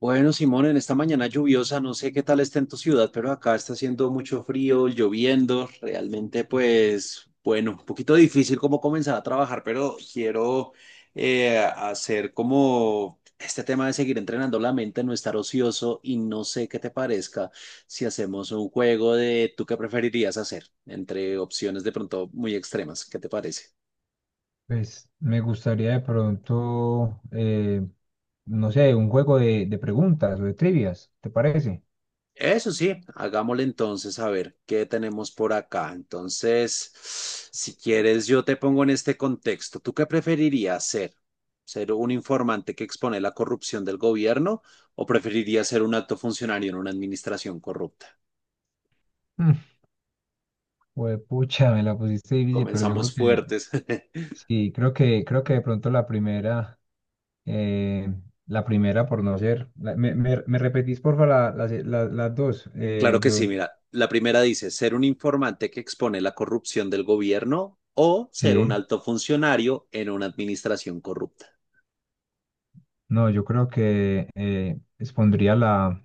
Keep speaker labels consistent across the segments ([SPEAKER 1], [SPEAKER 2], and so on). [SPEAKER 1] Bueno, Simón, en esta mañana lluviosa, no sé qué tal está en tu ciudad, pero acá está haciendo mucho frío, lloviendo, realmente pues, bueno, un poquito difícil como comenzar a trabajar, pero quiero hacer como este tema de seguir entrenando la mente, no estar ocioso y no sé qué te parezca si hacemos un juego de tú qué preferirías hacer entre opciones de pronto muy extremas, ¿qué te parece?
[SPEAKER 2] Pues me gustaría de pronto, no sé, un juego de preguntas o de trivias, ¿te parece?
[SPEAKER 1] Eso sí, hagámosle entonces a ver qué tenemos por acá. Entonces, si quieres, yo te pongo en este contexto. ¿Tú qué preferirías ser? ¿Ser un informante que expone la corrupción del gobierno o preferirías ser un alto funcionario en una administración corrupta?
[SPEAKER 2] Mm, Juepucha, me la pusiste difícil, pero yo
[SPEAKER 1] Comenzamos
[SPEAKER 2] creo que
[SPEAKER 1] fuertes.
[SPEAKER 2] sí, creo que de pronto eh, la primera por no ser. Me repetís, porfa, las, las dos.
[SPEAKER 1] Claro que sí,
[SPEAKER 2] Yo,
[SPEAKER 1] mira, la primera dice, ser un informante que expone la corrupción del gobierno o ser un
[SPEAKER 2] sí,
[SPEAKER 1] alto funcionario en una administración corrupta.
[SPEAKER 2] no, yo creo que expondría la,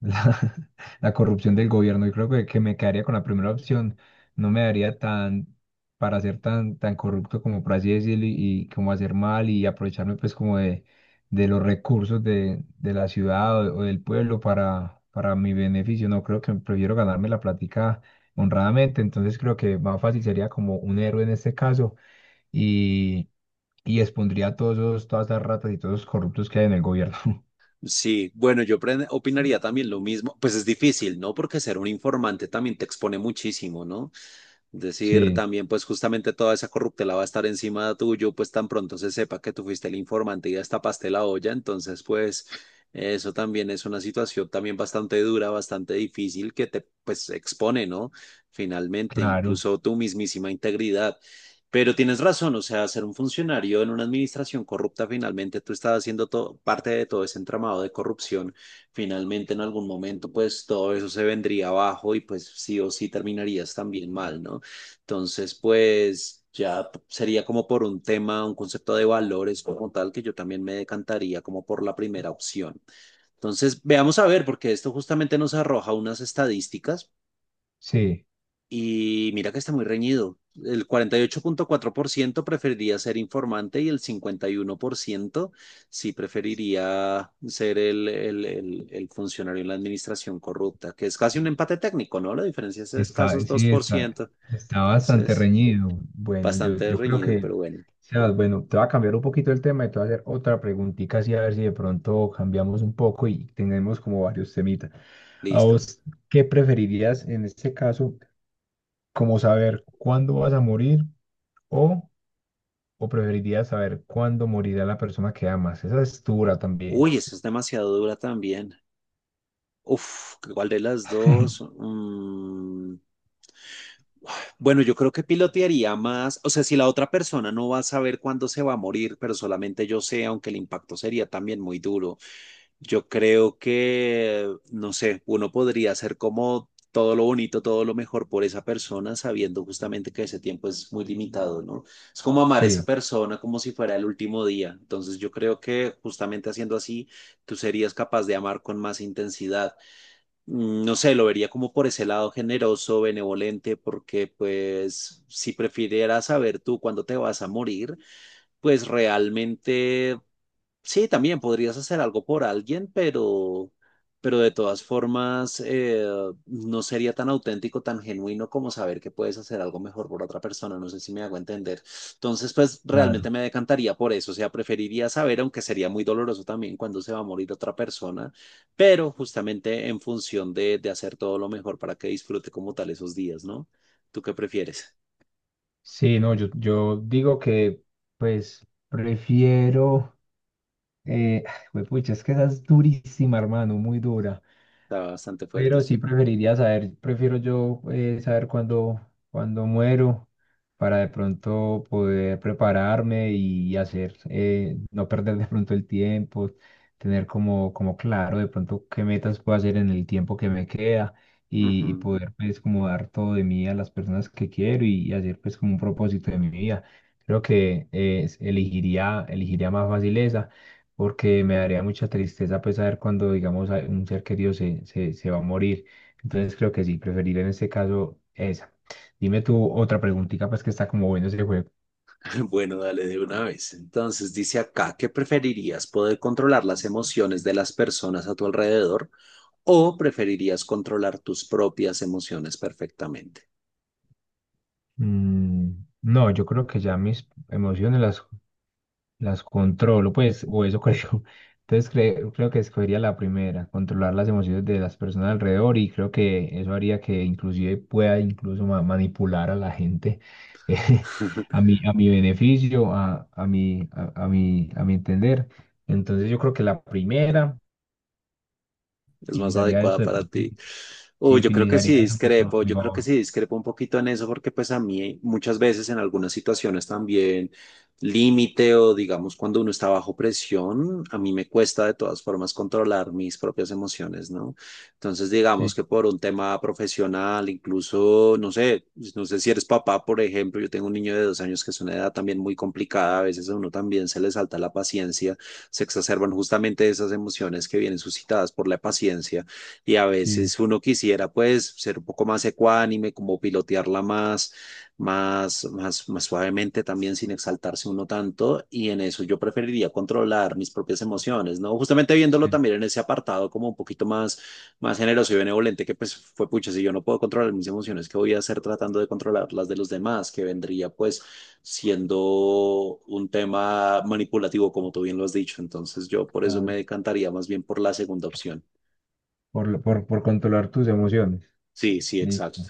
[SPEAKER 2] la corrupción del gobierno. Yo creo que me quedaría con la primera opción. No me daría tan para ser tan corrupto como por así decirlo y como hacer mal y aprovecharme pues como de los recursos de la ciudad o del pueblo para mi beneficio. No creo que prefiero ganarme la plática honradamente. Entonces creo que más fácil sería como un héroe en este caso y, y expondría a todas las ratas y todos los corruptos que hay en el gobierno.
[SPEAKER 1] Sí, bueno, yo opinaría también lo mismo. Pues es difícil, ¿no? Porque ser un informante también te expone muchísimo, ¿no? Decir
[SPEAKER 2] Sí,
[SPEAKER 1] también, pues justamente toda esa corruptela va a estar encima tuyo, pues tan pronto se sepa que tú fuiste el informante y ya tapaste la olla, entonces pues eso también es una situación también bastante dura, bastante difícil que te pues expone, ¿no? Finalmente,
[SPEAKER 2] claro.
[SPEAKER 1] incluso tu mismísima integridad. Pero tienes razón, o sea, ser un funcionario en una administración corrupta, finalmente tú estás haciendo parte de todo ese entramado de corrupción. Finalmente, en algún momento, pues todo eso se vendría abajo y pues sí o sí terminarías también mal, ¿no? Entonces, pues ya sería como por un tema, un concepto de valores como tal, que yo también me decantaría como por la primera opción. Entonces, veamos a ver, porque esto justamente nos arroja unas estadísticas
[SPEAKER 2] Sí.
[SPEAKER 1] y mira que está muy reñido. El 48,4% preferiría ser informante y el 51% sí preferiría ser el funcionario en la administración corrupta, que es casi un empate técnico, ¿no? La diferencia es de escasos dos por
[SPEAKER 2] Está,
[SPEAKER 1] ciento
[SPEAKER 2] está bastante
[SPEAKER 1] Entonces...
[SPEAKER 2] reñido. Bueno,
[SPEAKER 1] Bastante
[SPEAKER 2] yo creo
[SPEAKER 1] reñido,
[SPEAKER 2] que,
[SPEAKER 1] pero bueno,
[SPEAKER 2] Sebas, bueno, te voy a cambiar un poquito el tema y te voy a hacer otra preguntita así a ver si de pronto cambiamos un poco y tenemos como varios temitas. ¿A
[SPEAKER 1] listo.
[SPEAKER 2] vos qué preferirías en este caso, como saber cuándo vas a morir o, o preferirías saber cuándo morirá la persona que amas? Esa es dura también.
[SPEAKER 1] Uy, esa es demasiado dura también. Uf, ¿cuál de las dos? Bueno, yo creo que pilotearía más, o sea, si la otra persona no va a saber cuándo se va a morir, pero solamente yo sé, aunque el impacto sería también muy duro. Yo creo que, no sé, uno podría hacer como todo lo bonito, todo lo mejor por esa persona, sabiendo justamente que ese tiempo es muy limitado, ¿no? Es como amar a esa
[SPEAKER 2] Sí,
[SPEAKER 1] persona como si fuera el último día. Entonces yo creo que justamente haciendo así, tú serías capaz de amar con más intensidad. No sé, lo vería como por ese lado generoso, benevolente, porque pues si prefirieras saber tú cuándo te vas a morir, pues realmente sí, también podrías hacer algo por alguien, pero de todas formas no sería tan auténtico, tan genuino como saber que puedes hacer algo mejor por otra persona. No sé si me hago entender. Entonces, pues realmente
[SPEAKER 2] claro.
[SPEAKER 1] me decantaría por eso. O sea, preferiría saber, aunque sería muy doloroso también cuando se va a morir otra persona, pero justamente en función de hacer todo lo mejor para que disfrute como tal esos días, ¿no? ¿Tú qué prefieres?
[SPEAKER 2] Sí, no, yo digo que pues prefiero... Eh, pucha, es que esa es durísima, hermano, muy dura.
[SPEAKER 1] Está bastante fuerte,
[SPEAKER 2] Pero sí
[SPEAKER 1] sí.
[SPEAKER 2] preferiría saber, prefiero yo saber cuándo muero para de pronto poder prepararme y hacer, no perder de pronto el tiempo, tener como, como claro de pronto qué metas puedo hacer en el tiempo que me queda y
[SPEAKER 1] Ujú.
[SPEAKER 2] poder pues como dar todo de mí a las personas que quiero y hacer pues como un propósito de mi vida. Creo que elegiría más fácil esa porque me daría mucha tristeza pues saber cuando, digamos, un ser querido se va a morir. Entonces creo que sí, preferiría en este caso esa. Dime tú otra preguntita, pues que está como bueno ese juego.
[SPEAKER 1] Bueno, dale de una vez. Entonces dice acá, ¿qué preferirías? ¿Poder controlar las emociones de las personas a tu alrededor o preferirías controlar tus propias emociones perfectamente?
[SPEAKER 2] Mm, no, yo creo que ya mis emociones las controlo, pues, o eso creo. Entonces creo que escogería la primera, controlar las emociones de las personas alrededor y creo que eso haría que inclusive pueda incluso manipular a la gente eh, a mi beneficio, a mi, a mi, a mi entender. Entonces yo creo que la primera
[SPEAKER 1] es más
[SPEAKER 2] utilizaría
[SPEAKER 1] adecuada
[SPEAKER 2] eso de
[SPEAKER 1] para
[SPEAKER 2] pronto
[SPEAKER 1] ti.
[SPEAKER 2] mucho. Sí,
[SPEAKER 1] Uy, yo creo que
[SPEAKER 2] utilizaría
[SPEAKER 1] sí
[SPEAKER 2] eso a
[SPEAKER 1] discrepo,
[SPEAKER 2] mi
[SPEAKER 1] yo creo que
[SPEAKER 2] favor.
[SPEAKER 1] sí discrepo un poquito en eso porque pues a mí muchas veces en algunas situaciones también límite o digamos cuando uno está bajo presión, a mí me cuesta de todas formas controlar mis propias emociones, ¿no? Entonces digamos
[SPEAKER 2] Sí,
[SPEAKER 1] que por un tema profesional, incluso, no sé, no sé si eres papá, por ejemplo, yo tengo un niño de 2 años que es una edad también muy complicada, a veces a uno también se le salta la paciencia, se exacerban justamente esas emociones que vienen suscitadas por la paciencia y a
[SPEAKER 2] sí,
[SPEAKER 1] veces uno quisiera pues ser un poco más ecuánime, como pilotearla más suavemente también sin exaltarse uno tanto y en eso yo preferiría controlar mis propias emociones, ¿no? Justamente viéndolo
[SPEAKER 2] sí.
[SPEAKER 1] también en ese apartado como un poquito más, más generoso y benevolente que pues fue pucha, si yo no puedo controlar mis emociones, ¿qué voy a hacer tratando de controlar las de los demás? Que vendría pues siendo un tema manipulativo, como tú bien lo has dicho. Entonces yo por eso
[SPEAKER 2] Ah,
[SPEAKER 1] me decantaría más bien por la segunda opción.
[SPEAKER 2] Por controlar tus emociones.
[SPEAKER 1] Sí, sí, exacto.
[SPEAKER 2] Listo.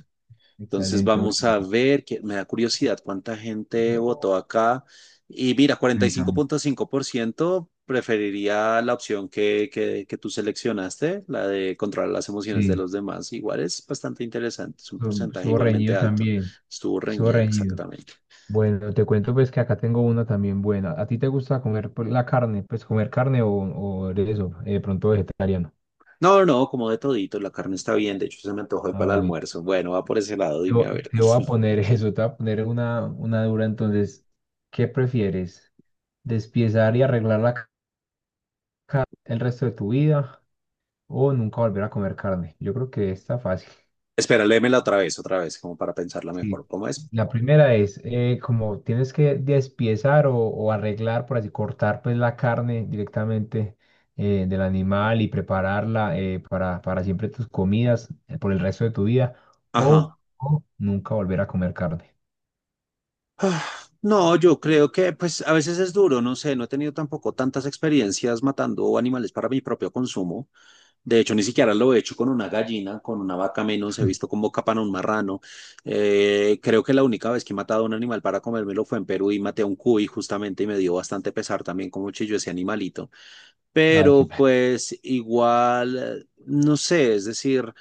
[SPEAKER 1] Entonces
[SPEAKER 2] Excelente.
[SPEAKER 1] vamos a ver, que me da curiosidad cuánta gente
[SPEAKER 2] Bueno.
[SPEAKER 1] votó acá. Y mira,
[SPEAKER 2] Cuéntame.
[SPEAKER 1] 45,5% preferiría la opción que tú seleccionaste, la de controlar las emociones de
[SPEAKER 2] Sí,
[SPEAKER 1] los demás. Igual es bastante interesante, es un porcentaje
[SPEAKER 2] estuvo
[SPEAKER 1] igualmente
[SPEAKER 2] reñido
[SPEAKER 1] alto.
[SPEAKER 2] también,
[SPEAKER 1] Estuvo
[SPEAKER 2] estuvo
[SPEAKER 1] reñida
[SPEAKER 2] reñido.
[SPEAKER 1] exactamente.
[SPEAKER 2] Bueno, te cuento pues que acá tengo una también buena. ¿A ti te gusta comer pues, la carne? Pues comer carne o eres eso, de pronto vegetariano.
[SPEAKER 1] No, no, como de todito, la carne está bien, de hecho se me antojó
[SPEAKER 2] Ah,
[SPEAKER 1] para el
[SPEAKER 2] bueno.
[SPEAKER 1] almuerzo. Bueno, va por ese lado,
[SPEAKER 2] Te,
[SPEAKER 1] dime a ver.
[SPEAKER 2] te voy a poner eso, te voy a poner una dura. Entonces, ¿qué prefieres? ¿Despiezar y arreglar la el resto de tu vida o nunca volver a comer carne? Yo creo que está fácil.
[SPEAKER 1] Espera, léemela otra vez, como para pensarla mejor.
[SPEAKER 2] Sí,
[SPEAKER 1] ¿Cómo es?
[SPEAKER 2] la primera es como tienes que despiezar o arreglar, por así cortar pues la carne directamente del animal y prepararla para siempre tus comidas por el resto de tu vida
[SPEAKER 1] Ajá.
[SPEAKER 2] o nunca volver a comer carne.
[SPEAKER 1] Ah, no, yo creo que pues a veces es duro, no sé, no he tenido tampoco tantas experiencias matando animales para mi propio consumo. De hecho, ni siquiera lo he hecho con una gallina, con una vaca menos, he visto como capan a un marrano. Creo que la única vez que he matado a un animal para comérmelo fue en Perú y maté a un cuy justamente y me dio bastante pesar también como chilló ese animalito,
[SPEAKER 2] Ay, qué
[SPEAKER 1] pero
[SPEAKER 2] pena.
[SPEAKER 1] pues igual, no sé, es decir,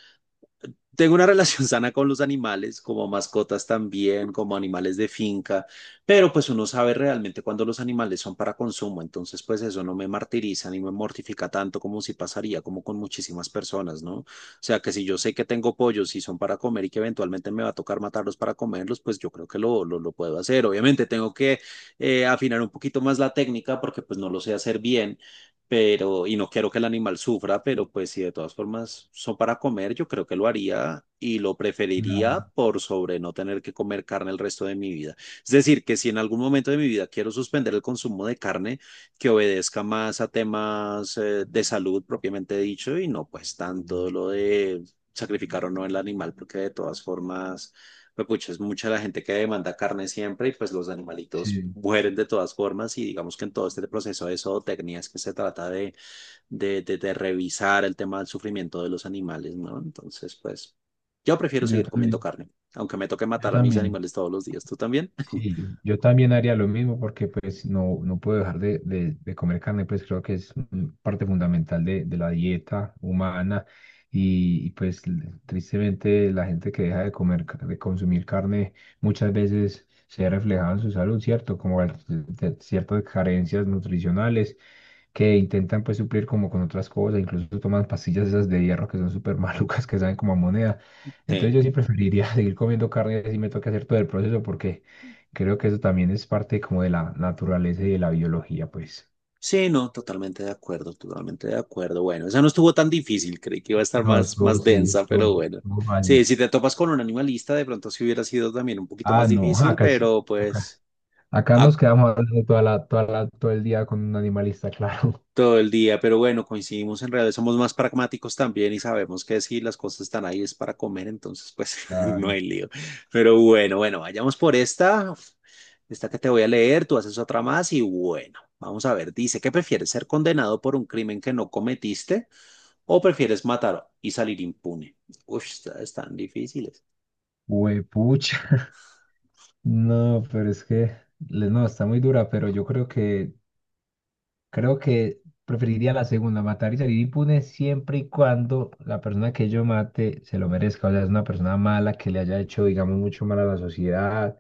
[SPEAKER 1] tengo una relación sana con los animales, como mascotas también, como animales de finca, pero pues uno sabe realmente cuando los animales son para consumo, entonces pues eso no me martiriza ni me mortifica tanto como si pasaría, como con muchísimas personas, ¿no? O sea, que si yo sé que tengo pollos y son para comer y que eventualmente me va a tocar matarlos para comerlos, pues yo creo que lo puedo hacer. Obviamente tengo que afinar un poquito más la técnica porque pues no lo sé hacer bien, pero, y no quiero que el animal sufra, pero pues si de todas formas son para comer, yo creo que lo haría y lo
[SPEAKER 2] Claro,
[SPEAKER 1] preferiría por sobre no tener que comer carne el resto de mi vida. Es decir, que si en algún momento de mi vida quiero suspender el consumo de carne, que obedezca más a temas de salud propiamente dicho y no pues tanto lo de sacrificar o no el animal, porque de todas formas pues pucha, es mucha la gente que demanda carne siempre y pues los animalitos
[SPEAKER 2] sí,
[SPEAKER 1] mueren de todas formas y digamos que en todo este proceso de zootecnia es que se trata de, de revisar el tema del sufrimiento de los animales, ¿no? Entonces, pues yo prefiero
[SPEAKER 2] yo
[SPEAKER 1] seguir comiendo
[SPEAKER 2] también,
[SPEAKER 1] carne, aunque me toque
[SPEAKER 2] yo
[SPEAKER 1] matar a mis
[SPEAKER 2] también.
[SPEAKER 1] animales todos los días, ¿tú también?
[SPEAKER 2] Sí, yo también haría lo mismo porque pues no, no puedo dejar de comer carne, pues creo que es mm, parte fundamental de la dieta humana y, pues tristemente la gente que deja de comer, de consumir carne muchas veces se ve reflejada en su salud, ¿cierto? Como ciertas carencias nutricionales que intentan pues suplir como con otras cosas, incluso toman pastillas esas de hierro que son súper malucas, que saben como a moneda. Entonces
[SPEAKER 1] Sí.
[SPEAKER 2] yo sí preferiría seguir comiendo carne si me toca hacer todo el proceso porque creo que eso también es parte como de la naturaleza y de la biología, pues.
[SPEAKER 1] Sí, no, totalmente de acuerdo, totalmente de acuerdo. Bueno, esa no estuvo tan difícil, creí que iba a estar
[SPEAKER 2] No,
[SPEAKER 1] más,
[SPEAKER 2] eso
[SPEAKER 1] más
[SPEAKER 2] sí,
[SPEAKER 1] densa, pero
[SPEAKER 2] esto
[SPEAKER 1] bueno.
[SPEAKER 2] no
[SPEAKER 1] Sí,
[SPEAKER 2] fácil.
[SPEAKER 1] si te topas con un animalista, de pronto sí hubiera sido también un poquito
[SPEAKER 2] Ah,
[SPEAKER 1] más
[SPEAKER 2] no,
[SPEAKER 1] difícil, pero
[SPEAKER 2] acá,
[SPEAKER 1] pues...
[SPEAKER 2] acá
[SPEAKER 1] A
[SPEAKER 2] nos quedamos hablando toda todo el día con un animalista, claro.
[SPEAKER 1] todo el día, pero bueno, coincidimos en realidad, somos más pragmáticos también y sabemos que si las cosas están ahí es para comer, entonces pues no hay
[SPEAKER 2] Claro.
[SPEAKER 1] lío. Pero bueno, bueno, vayamos por esta, esta que te voy a leer, tú haces otra más y bueno, vamos a ver, dice, ¿qué prefieres ser condenado por un crimen que no cometiste o prefieres matar y salir impune? Uf, estas están difíciles.
[SPEAKER 2] Huepucha. No, pero es que, no, está muy dura, pero yo creo que creo que preferiría la segunda, matar y salir impune siempre y cuando la persona que yo mate se lo merezca. O sea, es una persona mala que le haya hecho, digamos, mucho mal a la sociedad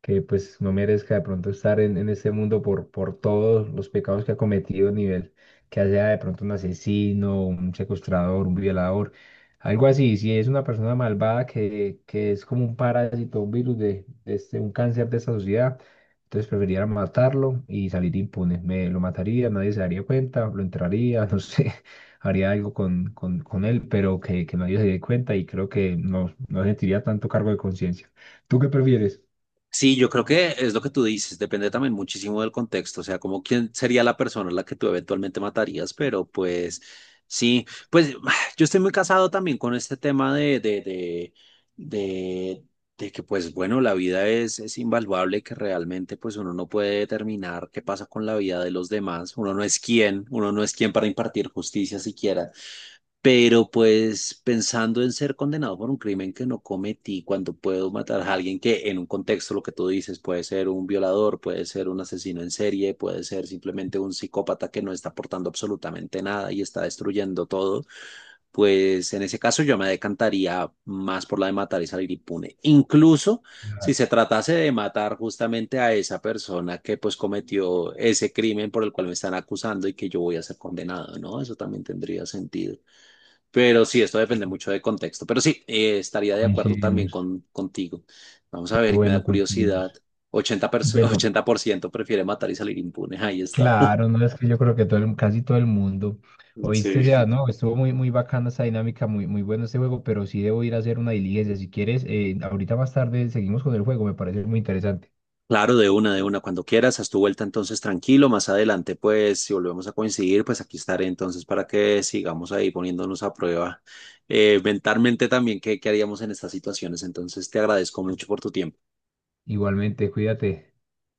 [SPEAKER 2] que pues no merezca de pronto estar en este mundo por todos los pecados que ha cometido, nivel que sea de pronto un asesino, un secuestrador, un violador, algo así. Si es una persona malvada que es como un parásito, un virus de este, un cáncer de esta sociedad, entonces preferiría matarlo y salir impune. Me lo mataría, nadie se daría cuenta, lo entraría, no sé. Haría algo con él, pero que nadie se dé cuenta y creo que no, no sentiría tanto cargo de conciencia. ¿Tú qué prefieres?
[SPEAKER 1] Sí, yo creo que es lo que tú dices, depende también muchísimo del contexto, o sea, como quién sería la persona a la que tú eventualmente matarías, pero pues sí, pues yo estoy muy casado también con este tema de, de, de que pues bueno, la vida es invaluable, y que realmente pues uno no puede determinar qué pasa con la vida de los demás, uno no es quien, uno no es quien para impartir justicia siquiera. Pero pues pensando en ser condenado por un crimen que no cometí, cuando puedo matar a alguien que en un contexto, lo que tú dices, puede ser un violador, puede ser un asesino en serie, puede ser simplemente un psicópata que no está aportando absolutamente nada y está destruyendo todo, pues en ese caso yo me decantaría más por la de matar y salir impune. Incluso si se tratase de matar justamente a esa persona que pues cometió ese crimen por el cual me están acusando y que yo voy a ser condenado, ¿no? Eso también tendría sentido. Pero sí, esto depende mucho de contexto. Pero sí, estaría de acuerdo también
[SPEAKER 2] Coincidimos.
[SPEAKER 1] con, contigo. Vamos
[SPEAKER 2] Qué
[SPEAKER 1] a ver, me da
[SPEAKER 2] bueno,
[SPEAKER 1] curiosidad.
[SPEAKER 2] coincidimos.
[SPEAKER 1] 80%,
[SPEAKER 2] Bueno,
[SPEAKER 1] 80% prefiere matar y salir impune. Ahí está.
[SPEAKER 2] claro, no es que yo creo que casi todo el mundo.
[SPEAKER 1] Sí.
[SPEAKER 2] Oíste, ya, no, estuvo muy bacana esa dinámica, muy bueno este juego, pero sí debo ir a hacer una diligencia. Si quieres, ahorita más tarde seguimos con el juego, me parece muy interesante.
[SPEAKER 1] Claro, de una, cuando quieras, haz tu vuelta entonces tranquilo, más adelante pues si volvemos a coincidir, pues aquí estaré entonces para que sigamos ahí poniéndonos a prueba mentalmente también qué, qué haríamos en estas situaciones, entonces te agradezco mucho por tu tiempo.
[SPEAKER 2] Igualmente, cuídate.